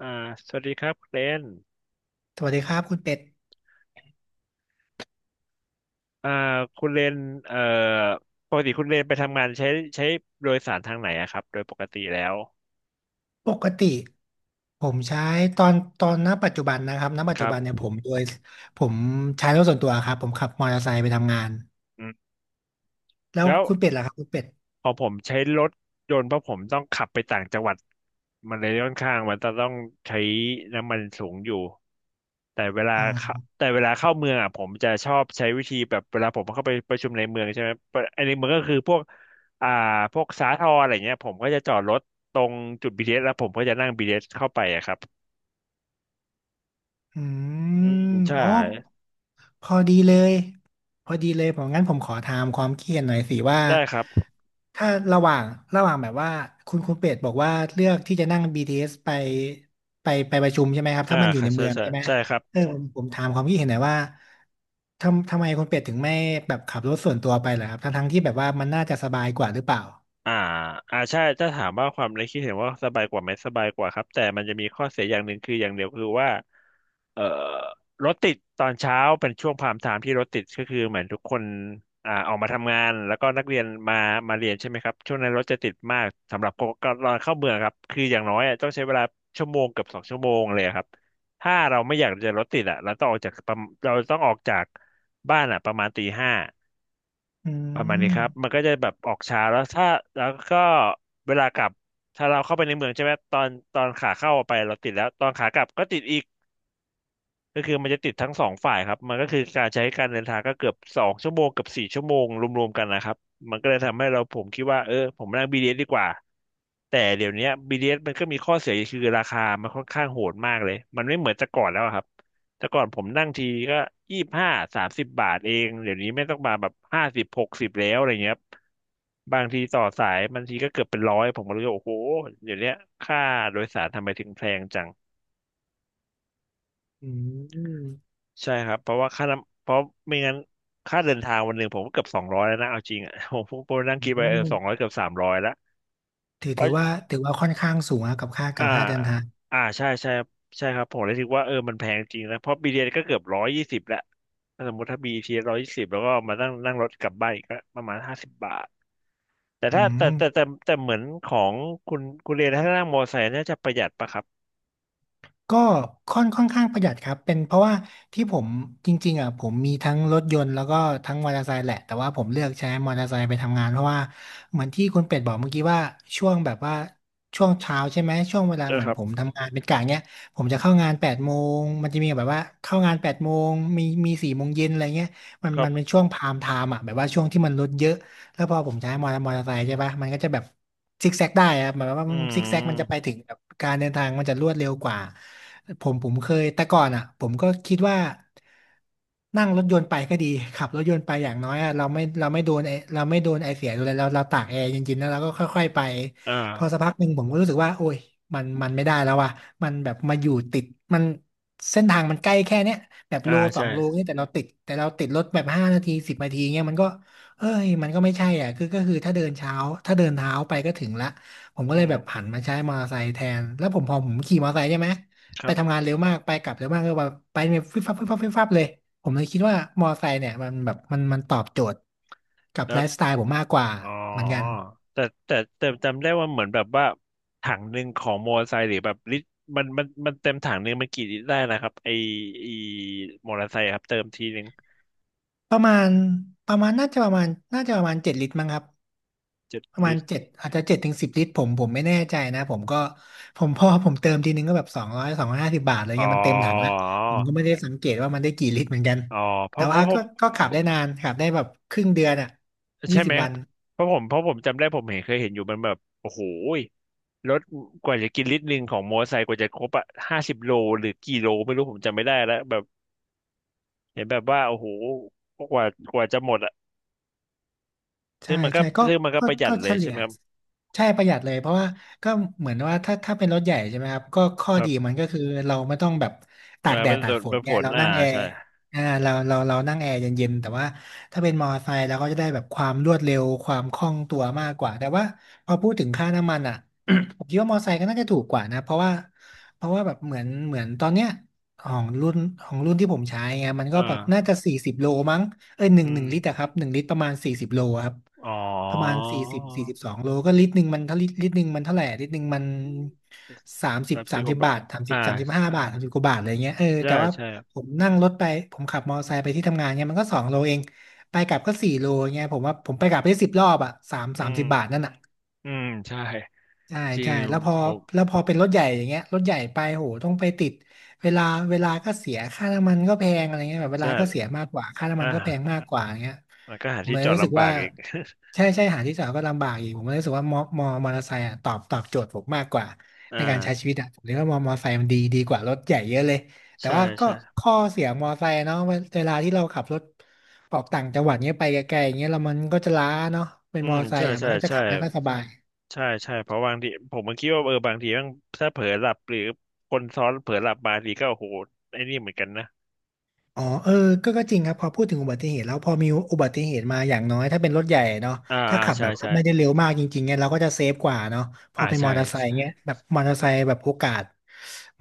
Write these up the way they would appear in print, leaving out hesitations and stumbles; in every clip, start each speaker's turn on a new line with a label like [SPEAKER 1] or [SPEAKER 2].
[SPEAKER 1] อ่าสวัสดีครับคุณเลน
[SPEAKER 2] สวัสดีครับคุณเป็ด
[SPEAKER 1] อ่าคุณเลนเอ่อปกติคุณเลนไปทำงานใช้โดยสารทางไหนอะครับ โดยปกติแล้ว
[SPEAKER 2] ปกติผมใช้ตอนตอนณปัจจุบันนะครับณปัจ
[SPEAKER 1] ค
[SPEAKER 2] จุ
[SPEAKER 1] รับ
[SPEAKER 2] บันเนี่ยผมโดยผมใช้รถส่วนตัวครับผมขับมอเตอร์ไซค์ไปทำงาน
[SPEAKER 1] อืม
[SPEAKER 2] แล้ว
[SPEAKER 1] แล้ว
[SPEAKER 2] คุณเป็ดล่ะครับคุณเป็ด
[SPEAKER 1] พอผมใช้รถยนต์เพราะผมต้องขับไปต่างจังหวัดมันเลยค่อนข้างมันจะต้องใช้น้ำมันสูงอยู่
[SPEAKER 2] อ๋อ
[SPEAKER 1] แต่เวลาเข้าเมืองอ่ะผมจะชอบใช้วิธีแบบเวลาผมเข้าไปประชุมในเมืองใช่ไหมไอ้ในเมืองก็คือพวกอ่าพวกสาทรอะไรเงี้ยผมก็จะจอดรถตรงจุดบทีเ t สแล้วผมก็จะนั่งบีทีเ t สเข้าไปอะครับ
[SPEAKER 2] อื
[SPEAKER 1] อืม
[SPEAKER 2] ม
[SPEAKER 1] ใช่
[SPEAKER 2] อ๋อพอดีเลยพอดีเลยผมงั้นผมขอถามความเคิดเห็นหน่อยสิว่า
[SPEAKER 1] ได้ครับ
[SPEAKER 2] ถ้าระหว่างระหว่างแบบว่าคุณเป็ดบอกว่าเลือกที่จะนั่งBTS ไปไปประชุมใช่ไหมครับ
[SPEAKER 1] อ่า
[SPEAKER 2] ถ้ามันอยู่
[SPEAKER 1] ค่ะ
[SPEAKER 2] ใน
[SPEAKER 1] ใช่
[SPEAKER 2] เมือง
[SPEAKER 1] ใช่
[SPEAKER 2] ใช่ไหม
[SPEAKER 1] ใช่ครับ
[SPEAKER 2] เออผมถามความคิดเห็นหน่อยว่าทำไมคุณเป็ดถึงไม่แบบขับรถส่วนตัวไปเหรอครับทั้งที่แบบว่ามันน่าจะสบายกว่าหรือเปล่า
[SPEAKER 1] อ่าอ่าใช่ถ้าถามว่าความในคิดเห็นว่าสบายกว่าไหมสบายกว่าครับแต่มันจะมีข้อเสียอย่างหนึ่งคืออย่างเดียวคือว่าเอ่อรถติดตอนเช้าเป็นช่วงพามไทม์ที่รถติดก็คือเหมือนทุกคนออกมาทำงานแล้วก็นักเรียนมาเรียนใช่ไหมครับช่วงนั้นรถจะติดมากสำหรับคนก็ตอนเข้าเมืองครับคืออย่างน้อยอะต้องใช้เวลาชั่วโมงเกือบสองชั่วโมงเลยครับถ้าเราไม่อยากจะรถติดอ่ะเราต้องออกจากบ้านอ่ะประมาณตีห้า
[SPEAKER 2] อื
[SPEAKER 1] ประมาณนี้
[SPEAKER 2] ม
[SPEAKER 1] ครับ มันก็จะแบบออกช้าแล้วถ้าแล้วก็เวลากลับถ้าเราเข้าไปในเมืองใช่ไหมตอนขาเข้าไปเราติดแล้วตอนขากลับก็ติดอีก ก็คือมันจะติดทั้งสองฝ่ายครับมันก็คือการใช้การเดินทางก็เกือบสองชั่วโมงกับสี่ชั่วโมงรวมๆกันนะครับมันก็เลยทำให้เราผมคิดว่าเออผมนั่ง b t สดีกว่าแต่เดี๋ยวเนี้ยบีดีเ t สมันก็มีข้อเสียคือราคามันค่อนข้างโหดมากเลยมันไม่เหมือนแต่ก่อนแล้วอะครับแต่ก่อนผมนั่งทีก็2530บาทเองเดี๋ยวนี้ไม่ต้องมาแบบห้าสิบ60แล้วอะไรเงี้ยครับบางทีต่อสายบางทีก็เกือบเป็นร้อยผมก็รู้ว่าโอ้โหเดี๋ยวเนี้ยค่าโดยสารทำไมถึงแพงจัง
[SPEAKER 2] อืม
[SPEAKER 1] ใช่ครับเพราะว่าค่าน้ำเพราะไม่งั้นค่าเดินทางวันหนึ่งผมก็เกือบสองร้อยแล้วนะเอาจริงอ่ะ ผมนั่ง
[SPEAKER 2] อื
[SPEAKER 1] คิดไปเอ
[SPEAKER 2] ม
[SPEAKER 1] อสองร้อยเกือบ300แล้วเพ
[SPEAKER 2] ถื
[SPEAKER 1] ราะ
[SPEAKER 2] อว่าถือว่าค่อนข้างสูงนะกับค่า
[SPEAKER 1] อ่า
[SPEAKER 2] เดินทาง
[SPEAKER 1] อ่าใช่ใช่ใช่ครับผมเลยคิดว่าเออมันแพงจริงนะเพราะบีทีเอสก็เกือบร้อยยี่สิบแล้วถ้าสมมติถ้าบีทีเอสร้อยยี่สิบแล้วก็มานั่งนั่งรถกลับบ้านอีกก็ประมาณห้าสิบบาทแต่
[SPEAKER 2] อื
[SPEAKER 1] ถ้าแต่
[SPEAKER 2] ม
[SPEAKER 1] แต่แต่แต่เหมือนของคุณเรียนถ้านั่งมอเตอร์ไซค์น่าจะประหยัดปะครับ
[SPEAKER 2] ก็ค่อนข้างประหยัดครับเป็นเพราะว่าที่ผมจริงๆอ่ะผมมีทั้งรถยนต์แล้วก็ทั้งมอเตอร์ไซค์แหละแต่ว่าผมเลือกใช้มอเตอร์ไซค์ไปทำงานเพราะว่าเหมือนที่คุณเป็ดบอกเมื่อกี้ว่าช่วงแบบว่าช่วงเช้าใช่ไหมช่วงเวลา
[SPEAKER 1] ใช่
[SPEAKER 2] เหมื
[SPEAKER 1] ค
[SPEAKER 2] อน
[SPEAKER 1] รับ
[SPEAKER 2] ผมทำงานเป็นกะเนี้ยผมจะเข้างานแปดโมงมันจะมีแบบว่าเข้างานแปดโมงมี4 โมงเย็นอะไรเงี้ย
[SPEAKER 1] ครั
[SPEAKER 2] มันเป็น
[SPEAKER 1] บ
[SPEAKER 2] ช่วงพามไทม์อ่ะแบบว่าช่วงที่มันรถเยอะ แล้วพอผมใช้มอเตอร์ไซค์ใช่ปะมันก็จะแบบซิกแซกได้ครับหมายความว่า
[SPEAKER 1] อื
[SPEAKER 2] มันซิกแซกมันจะไป
[SPEAKER 1] ม
[SPEAKER 2] ถึงแบบการเดินทางมันจะรวดเร็วกว่าผมเคยแต่ก่อนอ่ะผมก็คิดว่านั่งรถยนต์ไปก็ดีขับรถยนต์ไปอย่างน้อยอะเราไม่โดนไอเสียดูเลยเราตากแอร์เย็นๆแล้วเราก็ค่อยๆไปพอ
[SPEAKER 1] อ่า
[SPEAKER 2] สักพักหนึ่งผมก็รู้สึกว่าโอ้ยมันไม่ได้แล้วว่ะมันแบบมาอยู่ติดมันเส้นทางมันใกล้แค่เนี้ยแบบ
[SPEAKER 1] อ่า
[SPEAKER 2] โลสอ
[SPEAKER 1] ใช่
[SPEAKER 2] งโลนี่แต่เราติดรถแบบ5 นาที10 นาทีเงี้ยมันก็ เอ้ยมันก็ไม่ใช่อ่ะคือก็คือถ้าเดินเท้าไปก็ถึงละผมก็
[SPEAKER 1] อื
[SPEAKER 2] เลย
[SPEAKER 1] ม
[SPEAKER 2] แบบผันมาใช้มอเตอร์ไซค์แทนแล้วพอผมขี่มอเตอร์ไซค์ใช่ไหม
[SPEAKER 1] ค
[SPEAKER 2] ไป
[SPEAKER 1] รั
[SPEAKER 2] ทำ
[SPEAKER 1] บ
[SPEAKER 2] งานเร็วมากไปกลับเร็วมากก็แบบไปเนี่ยฟิบฟับฟิบฟับฟิบฟับเลยผมเลยคิดว่ามอเตอร์ไซค์เนี่ยมันแบบมันตอบโจทย์กับ
[SPEAKER 1] แล้
[SPEAKER 2] ไล
[SPEAKER 1] ว
[SPEAKER 2] ฟ์สไตล์ผมมากกว่า
[SPEAKER 1] อ๋อ
[SPEAKER 2] เหมือนกัน
[SPEAKER 1] แต่แต่จำได้ว่าเหมือนแบบว่าถังหนึ่งของมอเตอร์ไซค์หรือแบบลิตรมันเต็มถังหนึ่งมันกี่ลิตรได้นะครับไอมอเตอร์ไซค์ครับเติมทีหนึ่ง
[SPEAKER 2] ประมาณประมาณน่าจะประมาณน่าจะประมาณ7 ลิตรมั้งครับ
[SPEAKER 1] 7
[SPEAKER 2] ประมา
[SPEAKER 1] ลิ
[SPEAKER 2] ณ
[SPEAKER 1] ตร
[SPEAKER 2] เจ็ดอาจจะ7 ถึง 10 ลิตรผมไม่แน่ใจนะผมก็พอผมเติมทีนึงก็แบบสองร้อย250 บาทอะไร
[SPEAKER 1] อ๋อ
[SPEAKER 2] เงี้ยมันเต็มถังแล้วผมก็ไม่ได้สังเกตว่ามันได้กี่ลิตรเหมือนกัน
[SPEAKER 1] อ๋อเพ
[SPEAKER 2] แต่
[SPEAKER 1] ราะเพ
[SPEAKER 2] ว่า
[SPEAKER 1] ราะเพ
[SPEAKER 2] ก็
[SPEAKER 1] ราะ
[SPEAKER 2] ขับได้นานขับได้แบบครึ่งเดือนอ่ะยี่
[SPEAKER 1] ใช่
[SPEAKER 2] สิ
[SPEAKER 1] ไหม
[SPEAKER 2] บ
[SPEAKER 1] ค
[SPEAKER 2] วั
[SPEAKER 1] รับ
[SPEAKER 2] น
[SPEAKER 1] เพราะผมจำได้ผมเห็นเคยเห็นอยู่มันแบบโอ้โหยรถกว่าจะกินลิตรหนึ่งของมอเตอร์ไซค์กว่าจะครบอะห้าสิบโลหรือกี่โลไม่รู้ผมจำไม่ได้แล้วแบบเห็นแบบว่าโอ้โหกว่ากว่าจะหมดอะซึ่
[SPEAKER 2] ใช่
[SPEAKER 1] งมันก็
[SPEAKER 2] ใช่ก็
[SPEAKER 1] ซึ่งมันก็ประหยัดเล
[SPEAKER 2] เฉ
[SPEAKER 1] ยใช่
[SPEAKER 2] ลี่
[SPEAKER 1] ไห
[SPEAKER 2] ย
[SPEAKER 1] มครับ
[SPEAKER 2] ใช่ประหยัดเลยเพราะว่าก็เหมือนว่าถ้าเป็นรถใหญ่ใช่ไหมครับก็ข้อ
[SPEAKER 1] ครั
[SPEAKER 2] ดี
[SPEAKER 1] บ
[SPEAKER 2] มันก็คือเราไม่ต้องแบบตา
[SPEAKER 1] อ่า
[SPEAKER 2] กแด
[SPEAKER 1] เป็
[SPEAKER 2] ด
[SPEAKER 1] น
[SPEAKER 2] ตา
[SPEAKER 1] โด
[SPEAKER 2] ก
[SPEAKER 1] น
[SPEAKER 2] ฝ
[SPEAKER 1] เป็
[SPEAKER 2] น
[SPEAKER 1] น
[SPEAKER 2] ไง
[SPEAKER 1] ฝน
[SPEAKER 2] เรา
[SPEAKER 1] อ่า
[SPEAKER 2] นั่งแอ
[SPEAKER 1] ใช่
[SPEAKER 2] ร์อ่าเราเรานั่งแอร์เย็นๆแต่ว่าถ้าเป็นมอเตอร์ไซค์เราก็จะได้แบบความรวดเร็วความคล่องตัวมากกว่าแต่ว่าพอพูดถึงค่าน้ำมันอ่ะ ผมคิดว่ามอเตอร์ไซค์ก็น่าจะถูกกว่านะเพราะว่าแบบเหมือนตอนเนี้ยของรุ่นของรุ่นที่ผมใช้ไงมันก็แบบน่า
[SPEAKER 1] อ่า
[SPEAKER 2] จะสี่สิบโลมั้ง เอ้ย
[SPEAKER 1] อื
[SPEAKER 2] หนึ่งลิตร
[SPEAKER 1] ม
[SPEAKER 2] อะครับหนึ่งลิตรประมาณสี่สิบโลครับ
[SPEAKER 1] อ๋อ
[SPEAKER 2] ประมาณสี่สิบสองโลก็ลิตรหนึ่งมันถ้าลิตรหนึ่งมันเท่าไหร่ลิตรหนึ่งมัน
[SPEAKER 1] รับ
[SPEAKER 2] สา
[SPEAKER 1] ซิ
[SPEAKER 2] ม
[SPEAKER 1] โก
[SPEAKER 2] สิบ
[SPEAKER 1] บะ
[SPEAKER 2] บาท
[SPEAKER 1] อ่า
[SPEAKER 2] 35 บาท30 กว่าบาทอะไรเงี้ยเออ
[SPEAKER 1] ใช่
[SPEAKER 2] แต่ว่า
[SPEAKER 1] ใช่ครับ
[SPEAKER 2] ผมนั่งรถไปผมขับมอเตอร์ไซค์ไปที่ทำงานเนี่ยมันก็สองโลเองไปกลับก็สี่โลเงี้ยผมว่าผมไปกลับได้10 รอบอะสา
[SPEAKER 1] อื
[SPEAKER 2] ม
[SPEAKER 1] ม
[SPEAKER 2] สิบบาทนั่นอะ
[SPEAKER 1] อืมใช่
[SPEAKER 2] ใช่
[SPEAKER 1] จริ
[SPEAKER 2] ใช่
[SPEAKER 1] ง
[SPEAKER 2] แล้วพอ
[SPEAKER 1] ผม
[SPEAKER 2] แล้วพอเป็นรถใหญ่อย่างเงี้ยรถใหญ่ไปโหต้องไปติดเวลาเวลาก็เสียค่าน้ำมันก็แพงอะไรเงี้ยแบบเว
[SPEAKER 1] ใช่
[SPEAKER 2] ลาก็เสียมากกว่าค่าน้ำ
[SPEAKER 1] อ่
[SPEAKER 2] มันก็แพง
[SPEAKER 1] า
[SPEAKER 2] มากกว่าอย่างเงี้ย
[SPEAKER 1] มันก็หา
[SPEAKER 2] ผม
[SPEAKER 1] ที่
[SPEAKER 2] เล
[SPEAKER 1] จ
[SPEAKER 2] ย
[SPEAKER 1] อด
[SPEAKER 2] รู้สึก
[SPEAKER 1] ลำบา
[SPEAKER 2] ว่า
[SPEAKER 1] กอีก
[SPEAKER 2] ใช่ใช่หาที่จอดก็ลำบากอีกผมเลยรู้สึกว่ามอเตอร์ไซค์อะตอบโจทย์ผมมากกว่า
[SPEAKER 1] อ่า
[SPEAKER 2] ในการใช้ชีวิตอะผมเลยว่ามอเตอร์ไซค์มันดีกว่ารถใหญ่เยอะเลยแต่
[SPEAKER 1] ใช่
[SPEAKER 2] ว่าก็
[SPEAKER 1] ใช่
[SPEAKER 2] ข้อเสียมอเตอร์ไซค์เนาะเวลาที่เราขับรถออกต่างจังหวัดเงี้ยไปไกลๆอย่างเงี้ยแล้วมันก็จะล้าเนาะเป็น
[SPEAKER 1] อื
[SPEAKER 2] มอ
[SPEAKER 1] ม
[SPEAKER 2] เตอร์ไซ
[SPEAKER 1] ใช่
[SPEAKER 2] ค์อะมั
[SPEAKER 1] ใช่
[SPEAKER 2] นก็จะ
[SPEAKER 1] ใช่
[SPEAKER 2] ขับไม่ค่อยสบาย
[SPEAKER 1] ใช่ใช่เพราะบางทีผมมันคิดว่าเออบางทีมันถ้าเผลอหลับหรือคนซ้อนเผลอหลับมาทีก็โอ้โหไอ้นี่เหมือนกันนะ
[SPEAKER 2] อ๋อเออก็จริงครับ พอพูดถึงอุบัติเหตุแล้วพอมีอุบัติเหตุมาอย่างน้อยถ้าเป็นรถใหญ่เนาะ
[SPEAKER 1] อ่า
[SPEAKER 2] ถ้า
[SPEAKER 1] อ่า
[SPEAKER 2] ขับ
[SPEAKER 1] ใช่
[SPEAKER 2] แบบว่า
[SPEAKER 1] ใช่
[SPEAKER 2] ไม่ได้เร็วมากจริงๆเนี่ยเราก็จะเซฟกว่าเนาะพอ
[SPEAKER 1] อ่า
[SPEAKER 2] เป็นม
[SPEAKER 1] ใช่
[SPEAKER 2] อเตอร์ไซค์เนี่ยแบบมอเตอร์ไซค์แบบโอกาส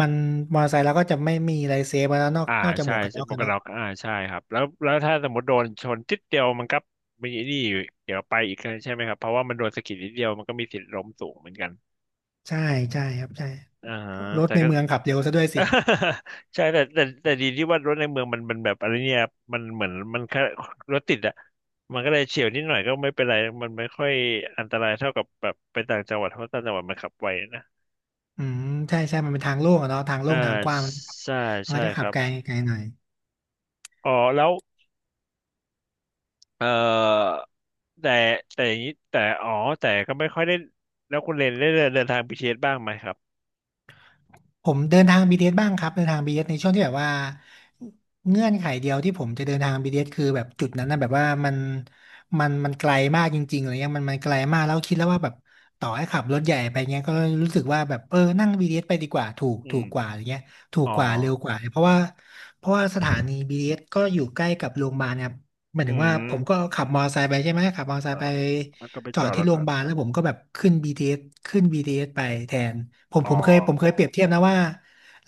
[SPEAKER 2] มันมอเตอร์ไซค์เราก็จะไม่มีอะไรเซฟแล้วนอก
[SPEAKER 1] อ่า
[SPEAKER 2] นอกจากห
[SPEAKER 1] ใช่
[SPEAKER 2] มวกกัน
[SPEAKER 1] ใช่
[SPEAKER 2] น็อก
[SPEAKER 1] หมว
[SPEAKER 2] กั
[SPEAKER 1] ก
[SPEAKER 2] น
[SPEAKER 1] กัน
[SPEAKER 2] เนาะ
[SPEAKER 1] น็อกอ่าใช่ครับแล้วถ้าสมมติโดนชนจิดเดียวมันก็มีนี่อยู่เดี๋ยวไปอีกใช่ไหมครับเพราะว่ามันโดนสะกิดนิดเดียวมันก็มีสิทธิ์ล้มสูงเหมือนกัน
[SPEAKER 2] ใช่ใช่ครับใช่
[SPEAKER 1] อ่าฮะ
[SPEAKER 2] รถ
[SPEAKER 1] แต่
[SPEAKER 2] ใน
[SPEAKER 1] ก็
[SPEAKER 2] เมืองขับเร็วซะด้วยสิ
[SPEAKER 1] ใช่แต่ดีที่ว่ารถในเมืองมันแบบอะไรเนี่ยมันเหมือนมันแค่รถติดอะมันก็เลยเฉียวนิดหน่อยก็ไม่เป็นไรมันไม่ค่อยอันตรายเท่ากับแบบไปต่างจังหวัดเพราะต่างจังหวัดมันขับไวนะ
[SPEAKER 2] อืมใช่ใช่มันเป็นทางโล่งอะเนาะทางโล่
[SPEAKER 1] อ่า
[SPEAKER 2] งทางกว้างมันก็ขับ
[SPEAKER 1] ใช่
[SPEAKER 2] มันก็
[SPEAKER 1] ใช่
[SPEAKER 2] จะ
[SPEAKER 1] ค
[SPEAKER 2] ขับ
[SPEAKER 1] รับ
[SPEAKER 2] ไกลไกลหน่อย
[SPEAKER 1] อ๋อแล้วเอ่อ แต่แต่อย่างนี้แต่อ๋อแต่ก็ไม่ค่อยได้แล้วคุณเรนได้เดินเดินทางไปเศษบ้างไหมครับ
[SPEAKER 2] ผมเดินทางบีทีเอสบ้างครับเดินทาง BTS ในช่วงที่แบบว่าเงื่อนไขเดียวที่ผมจะเดินทาง BTS คือแบบจุดนั้นนะแบบว่ามันไกลมากจริงๆอะไรเงี้ยมันไกลมากแล้วคิดแล้วว่าแบบต่อให้ขับรถใหญ่ไปเงี้ยก็รู้สึกว่าแบบเออนั่ง BTS ไปดีกว่าถูก
[SPEAKER 1] อื
[SPEAKER 2] ถู
[SPEAKER 1] ม
[SPEAKER 2] กกว่าอะไรเงี้ยถู
[SPEAKER 1] อ๋
[SPEAKER 2] ก
[SPEAKER 1] อ
[SPEAKER 2] กว่าเร็วกว่าเพราะว่าสถานี BTS ก็อยู่ใกล้กับโรงพยาบาลเนี่ย หมาย
[SPEAKER 1] อื
[SPEAKER 2] ถึงว่าผมก็
[SPEAKER 1] ม
[SPEAKER 2] ขับมอเตอร์ไซค์ไปใช่ไหมขับมอเตอร์ไซ
[SPEAKER 1] เออ
[SPEAKER 2] ค์ไป
[SPEAKER 1] แล้วก็ไป
[SPEAKER 2] จ
[SPEAKER 1] จ
[SPEAKER 2] อด
[SPEAKER 1] อด
[SPEAKER 2] ที่
[SPEAKER 1] แล้ว
[SPEAKER 2] โร
[SPEAKER 1] ก็
[SPEAKER 2] งพยาบาลแล้วผมก็แบบขึ้น BTS ขึ้น BTS ไปแทนผม
[SPEAKER 1] อ๋อ
[SPEAKER 2] ผมเคยผมเคยเปรียบเทียบนะว่า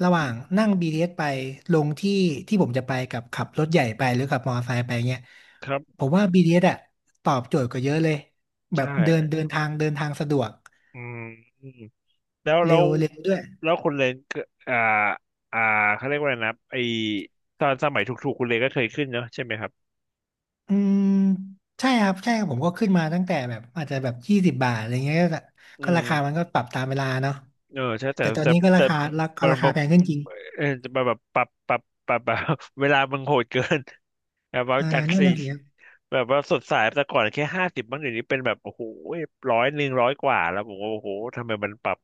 [SPEAKER 2] ระหว่างนั่ง BTS ไปลงที่ที่ผมจะไปกับขับรถใหญ่ไปหรือขับมอเตอร์ไซค์ไปเงี้ย
[SPEAKER 1] ครั
[SPEAKER 2] ผ
[SPEAKER 1] บ
[SPEAKER 2] มว่า BTS อสอะตอบโจทย์กว่าเยอะเลยแบ
[SPEAKER 1] ใช่
[SPEAKER 2] บเดินเดินทางเดินทางสะดวก
[SPEAKER 1] อืมอืมแล้วแล้
[SPEAKER 2] เร็
[SPEAKER 1] ว
[SPEAKER 2] วเร็วด้วย
[SPEAKER 1] แล้วคุณเรนก็อ่าอ่าเขาเรียกว่าอะไรนะตอนสมัยถูกๆคุณเรนก็เคยขึ้นเนอะใช่ไหมครับ
[SPEAKER 2] อืมใช่ครับใช่ครับผมก็ขึ้นมาตั้งแต่แบบอาจจะแบบ20 บาทอะไรเงี้ยก็
[SPEAKER 1] อื
[SPEAKER 2] ก็
[SPEAKER 1] ม
[SPEAKER 2] ราคามันก็ปรับตามเวลาเนาะ
[SPEAKER 1] เออใช่
[SPEAKER 2] แต่ตอนนี้ก็ราคารา
[SPEAKER 1] แต่
[SPEAKER 2] ก็
[SPEAKER 1] มัน
[SPEAKER 2] รา
[SPEAKER 1] แบ
[SPEAKER 2] คา
[SPEAKER 1] บ
[SPEAKER 2] แพงขึ้นจริง
[SPEAKER 1] เออแบบปรับแบบ เวลามันโหดเกินแบบว่า
[SPEAKER 2] อ่า
[SPEAKER 1] จาก
[SPEAKER 2] นั่น
[SPEAKER 1] สี่
[SPEAKER 2] น่ะสิครับ
[SPEAKER 1] แบบว่าสดใสแต่ก่อนแค่50บ้างเดี๋ยวนี้เป็นแบบโอ้โหร้อย100 กว่าแล้วผมก็โอ้โหทำไมมันปรับ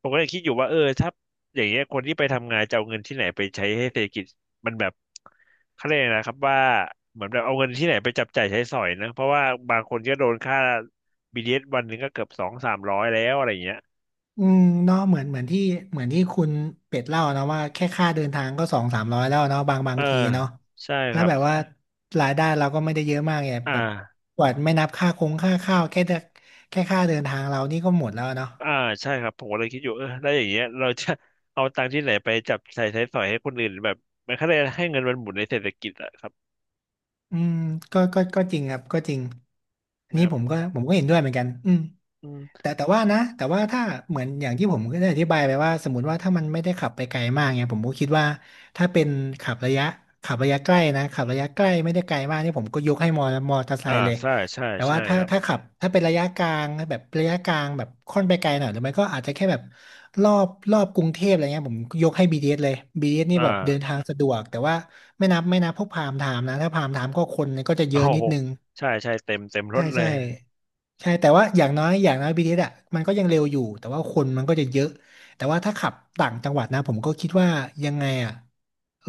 [SPEAKER 1] ผมก็เลยคิดอยู่ว่าเออถ้าอย่างเงี้ยคนที่ไปทำงานจะเอาเงินที่ไหนไปใช้ให้เศรษฐกิจมันแบบเขาเรียกอะไรนะครับว่าเหมือนแบบเอาเงินที่ไหนไปจับจ่ายใช้สอยนะเพราะว่าบางคนก็โดนค่าบ b d ตวันหนึ่งก็เกือบ200-300แล้วอะไรอย่างเงี้ย
[SPEAKER 2] อืมเนาะเหมือนเหมือนที่เหมือนที่คุณเป็ดเล่านะว่าแค่ค่าเดินทางก็สองสามร้อยแล้วเนาะบางบา
[SPEAKER 1] เออ
[SPEAKER 2] งทีเนาะ
[SPEAKER 1] ใช่ค
[SPEAKER 2] แล้ว
[SPEAKER 1] รับ
[SPEAKER 2] แบบว่ารายได้เราก็ไม่ได้เยอะมากไง
[SPEAKER 1] อ
[SPEAKER 2] แบบ
[SPEAKER 1] ่า
[SPEAKER 2] กว่าไม่นับค่าคงค่าข้าวแค่ค่าเดินทางเรานี่ก็หมดแล้วเนาะ
[SPEAKER 1] อ่าใช่ครับผมก็เลยคิดอยู่เออแล้วอย่างเงี้ยเราจะ เอาตังค์ที่ไหนไปจับใส่ใช้สอยให้คนอื่นแบบมันแค่ได้ให้เงินมันหมุนในเศรษฐกิจอะครับ
[SPEAKER 2] อืมก็จริงครับก็จริง
[SPEAKER 1] ใช่
[SPEAKER 2] อั
[SPEAKER 1] ไห
[SPEAKER 2] น
[SPEAKER 1] ม
[SPEAKER 2] นี้
[SPEAKER 1] ครับ
[SPEAKER 2] ผมก็เห็นด้วยเหมือนกันอืม
[SPEAKER 1] อืม
[SPEAKER 2] แต่ว่านะแต่ว่าถ้าเหมือนอย่างที่ผมก็ได้อธิบายไปว่าสมมติว่าถ้ามันไม่ได้ขับไปไกลมากเนี่ยผมก็คิดว่าถ้าเป็นขับระยะขับระยะใกล้นะขับระยะใกล้ไม่ได้ไกลมากนี่ผมก็ยกให้มอมอเตอร์ไซ
[SPEAKER 1] อ่า
[SPEAKER 2] ค์เลย
[SPEAKER 1] ใช่ใช่
[SPEAKER 2] แต่
[SPEAKER 1] ใช่
[SPEAKER 2] ว่าถ้า
[SPEAKER 1] ครับ
[SPEAKER 2] ถ้าขับถ้าเป็นระยะกลางแบบระยะกลางแบบค่อนไปไกลหน่อยหรือไม่ก็อาจจะแค่แบบรอบกรุงเทพอะไรเงี้ยผมยกให้ BTS เอสเลย b t สนี่
[SPEAKER 1] อ่า
[SPEAKER 2] แบบเดินทางสะดวกแต่ว่าไม่นับพวกพามไทม์นะถ้าพามไทม์ก็คนก็จะ เย
[SPEAKER 1] โอ้
[SPEAKER 2] อะนิด
[SPEAKER 1] โห
[SPEAKER 2] นึง
[SPEAKER 1] ใช่ใช่เต็มเต็มร
[SPEAKER 2] ใช่
[SPEAKER 1] ถเล
[SPEAKER 2] ใช่
[SPEAKER 1] ย
[SPEAKER 2] ใช่แต่ว่าอย่างน้อย BTS อสอ่ะมันก็ยังเร็วอยู่แต่ว่าคนมันก็จะเยอะ แต่ว่าถ้าขับต่างจังหวัดนะผมก็คิดว่ายังไงอะ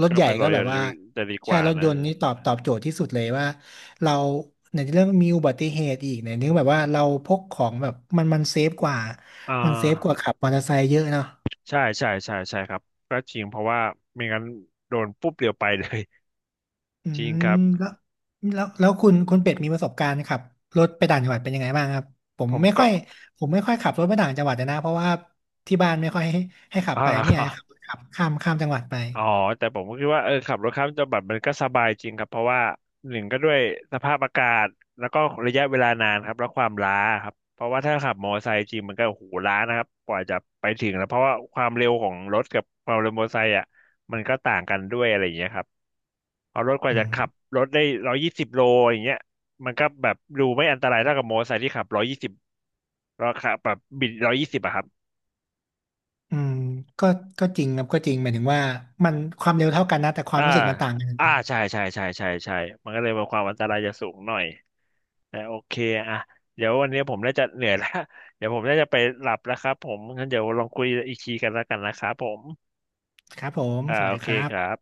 [SPEAKER 2] รถ
[SPEAKER 1] ก็
[SPEAKER 2] ใหญ่
[SPEAKER 1] ไปรอ
[SPEAKER 2] ก็แบบ
[SPEAKER 1] อ
[SPEAKER 2] ว่า
[SPEAKER 1] ยู่จะดีก
[SPEAKER 2] ใช่
[SPEAKER 1] ว่า
[SPEAKER 2] รถย
[SPEAKER 1] นะ
[SPEAKER 2] นต์นี่ตอบโจทย์ที่สุดเลยว่าเราในเรื่องมีอุบัติเหตุอีกในเรื่องแบบว่าเราพกของแบบมันเซฟกว่า
[SPEAKER 1] อ่
[SPEAKER 2] มันเซฟกว่า
[SPEAKER 1] า
[SPEAKER 2] ขับมอเตอร์ไซค์เยอะเนาะ
[SPEAKER 1] ใช่ใช่ใช่ใช่ครับก็จริงเพราะว่าไม่งั้นโดนปุ๊บเดียวไปเลย
[SPEAKER 2] อื
[SPEAKER 1] จริงค
[SPEAKER 2] ม
[SPEAKER 1] รับ
[SPEAKER 2] แล้วแล้วคุณเป็ดมีประสบการณ์ขับรถไปต่างจังหวัดเป็นยังไงบ้างครับผม
[SPEAKER 1] ผม
[SPEAKER 2] ไม่ค่
[SPEAKER 1] ก็
[SPEAKER 2] อยผมไม่ค่อยขับรถไปต่างจังหวัดเลยนะเพราะว่าที่บ้านไม่ค่อยให้ขับ
[SPEAKER 1] อ๋อ
[SPEAKER 2] ไป
[SPEAKER 1] เหร
[SPEAKER 2] ไม่อยากให้ขับ
[SPEAKER 1] อ
[SPEAKER 2] ขับข้ามจังหวัดไป
[SPEAKER 1] อ๋อแต่ผมก็คิดว่าเออขับรถข้ามจังหวัดมันก็สบายจริงครับเพราะว่าหนึ่งก็ด้วยสภาพอากาศแล้วก็ระยะเวลานานครับแล้วความล้าครับเพราะว่าถ้าขับมอเตอร์ไซค์จริงมันก็โอ้โหล้านะครับกว่าจะไปถึงแล้วเพราะว่าความเร็วของรถกับความเร็วมอเตอร์ไซค์อ่ะมันก็ต่างกันด้วยอะไรอย่างเงี้ยครับเพราะรถกว่าจะขั
[SPEAKER 2] อื
[SPEAKER 1] บรถได้120 โลอย่างเงี้ยมันก็แบบดูไม่อันตรายเท่ากับมอเตอร์ไซค์ที่ขับร้อยยี่สิบเราขับแบบบิดร้อยยี่สิบอะครับ
[SPEAKER 2] อืมก็ก็จริงครับก็จริงหมายถึงว่ามันความเร็วเท่ากันนะแต่ความ
[SPEAKER 1] อ่า
[SPEAKER 2] รู้สึกมันต่างกัน
[SPEAKER 1] อ่า ใช่ใช่ใช่ใช่ใช่มันก็เลยมีความอันตรายจะสูงหน่อยแต่โอเคอ่ะเดี๋ยววันนี้ผมน่าจะเหนื่อยแล้ว เดี๋ยวผมน่าจะไปหลับแล้วครับผมงั้นเดี๋ยวลองคุยอีกทีกันแล้วกันนะครับผม
[SPEAKER 2] ครับผม
[SPEAKER 1] อ่า
[SPEAKER 2] สวัส
[SPEAKER 1] โอ
[SPEAKER 2] ดี
[SPEAKER 1] เค
[SPEAKER 2] ครั
[SPEAKER 1] ครับ
[SPEAKER 2] บ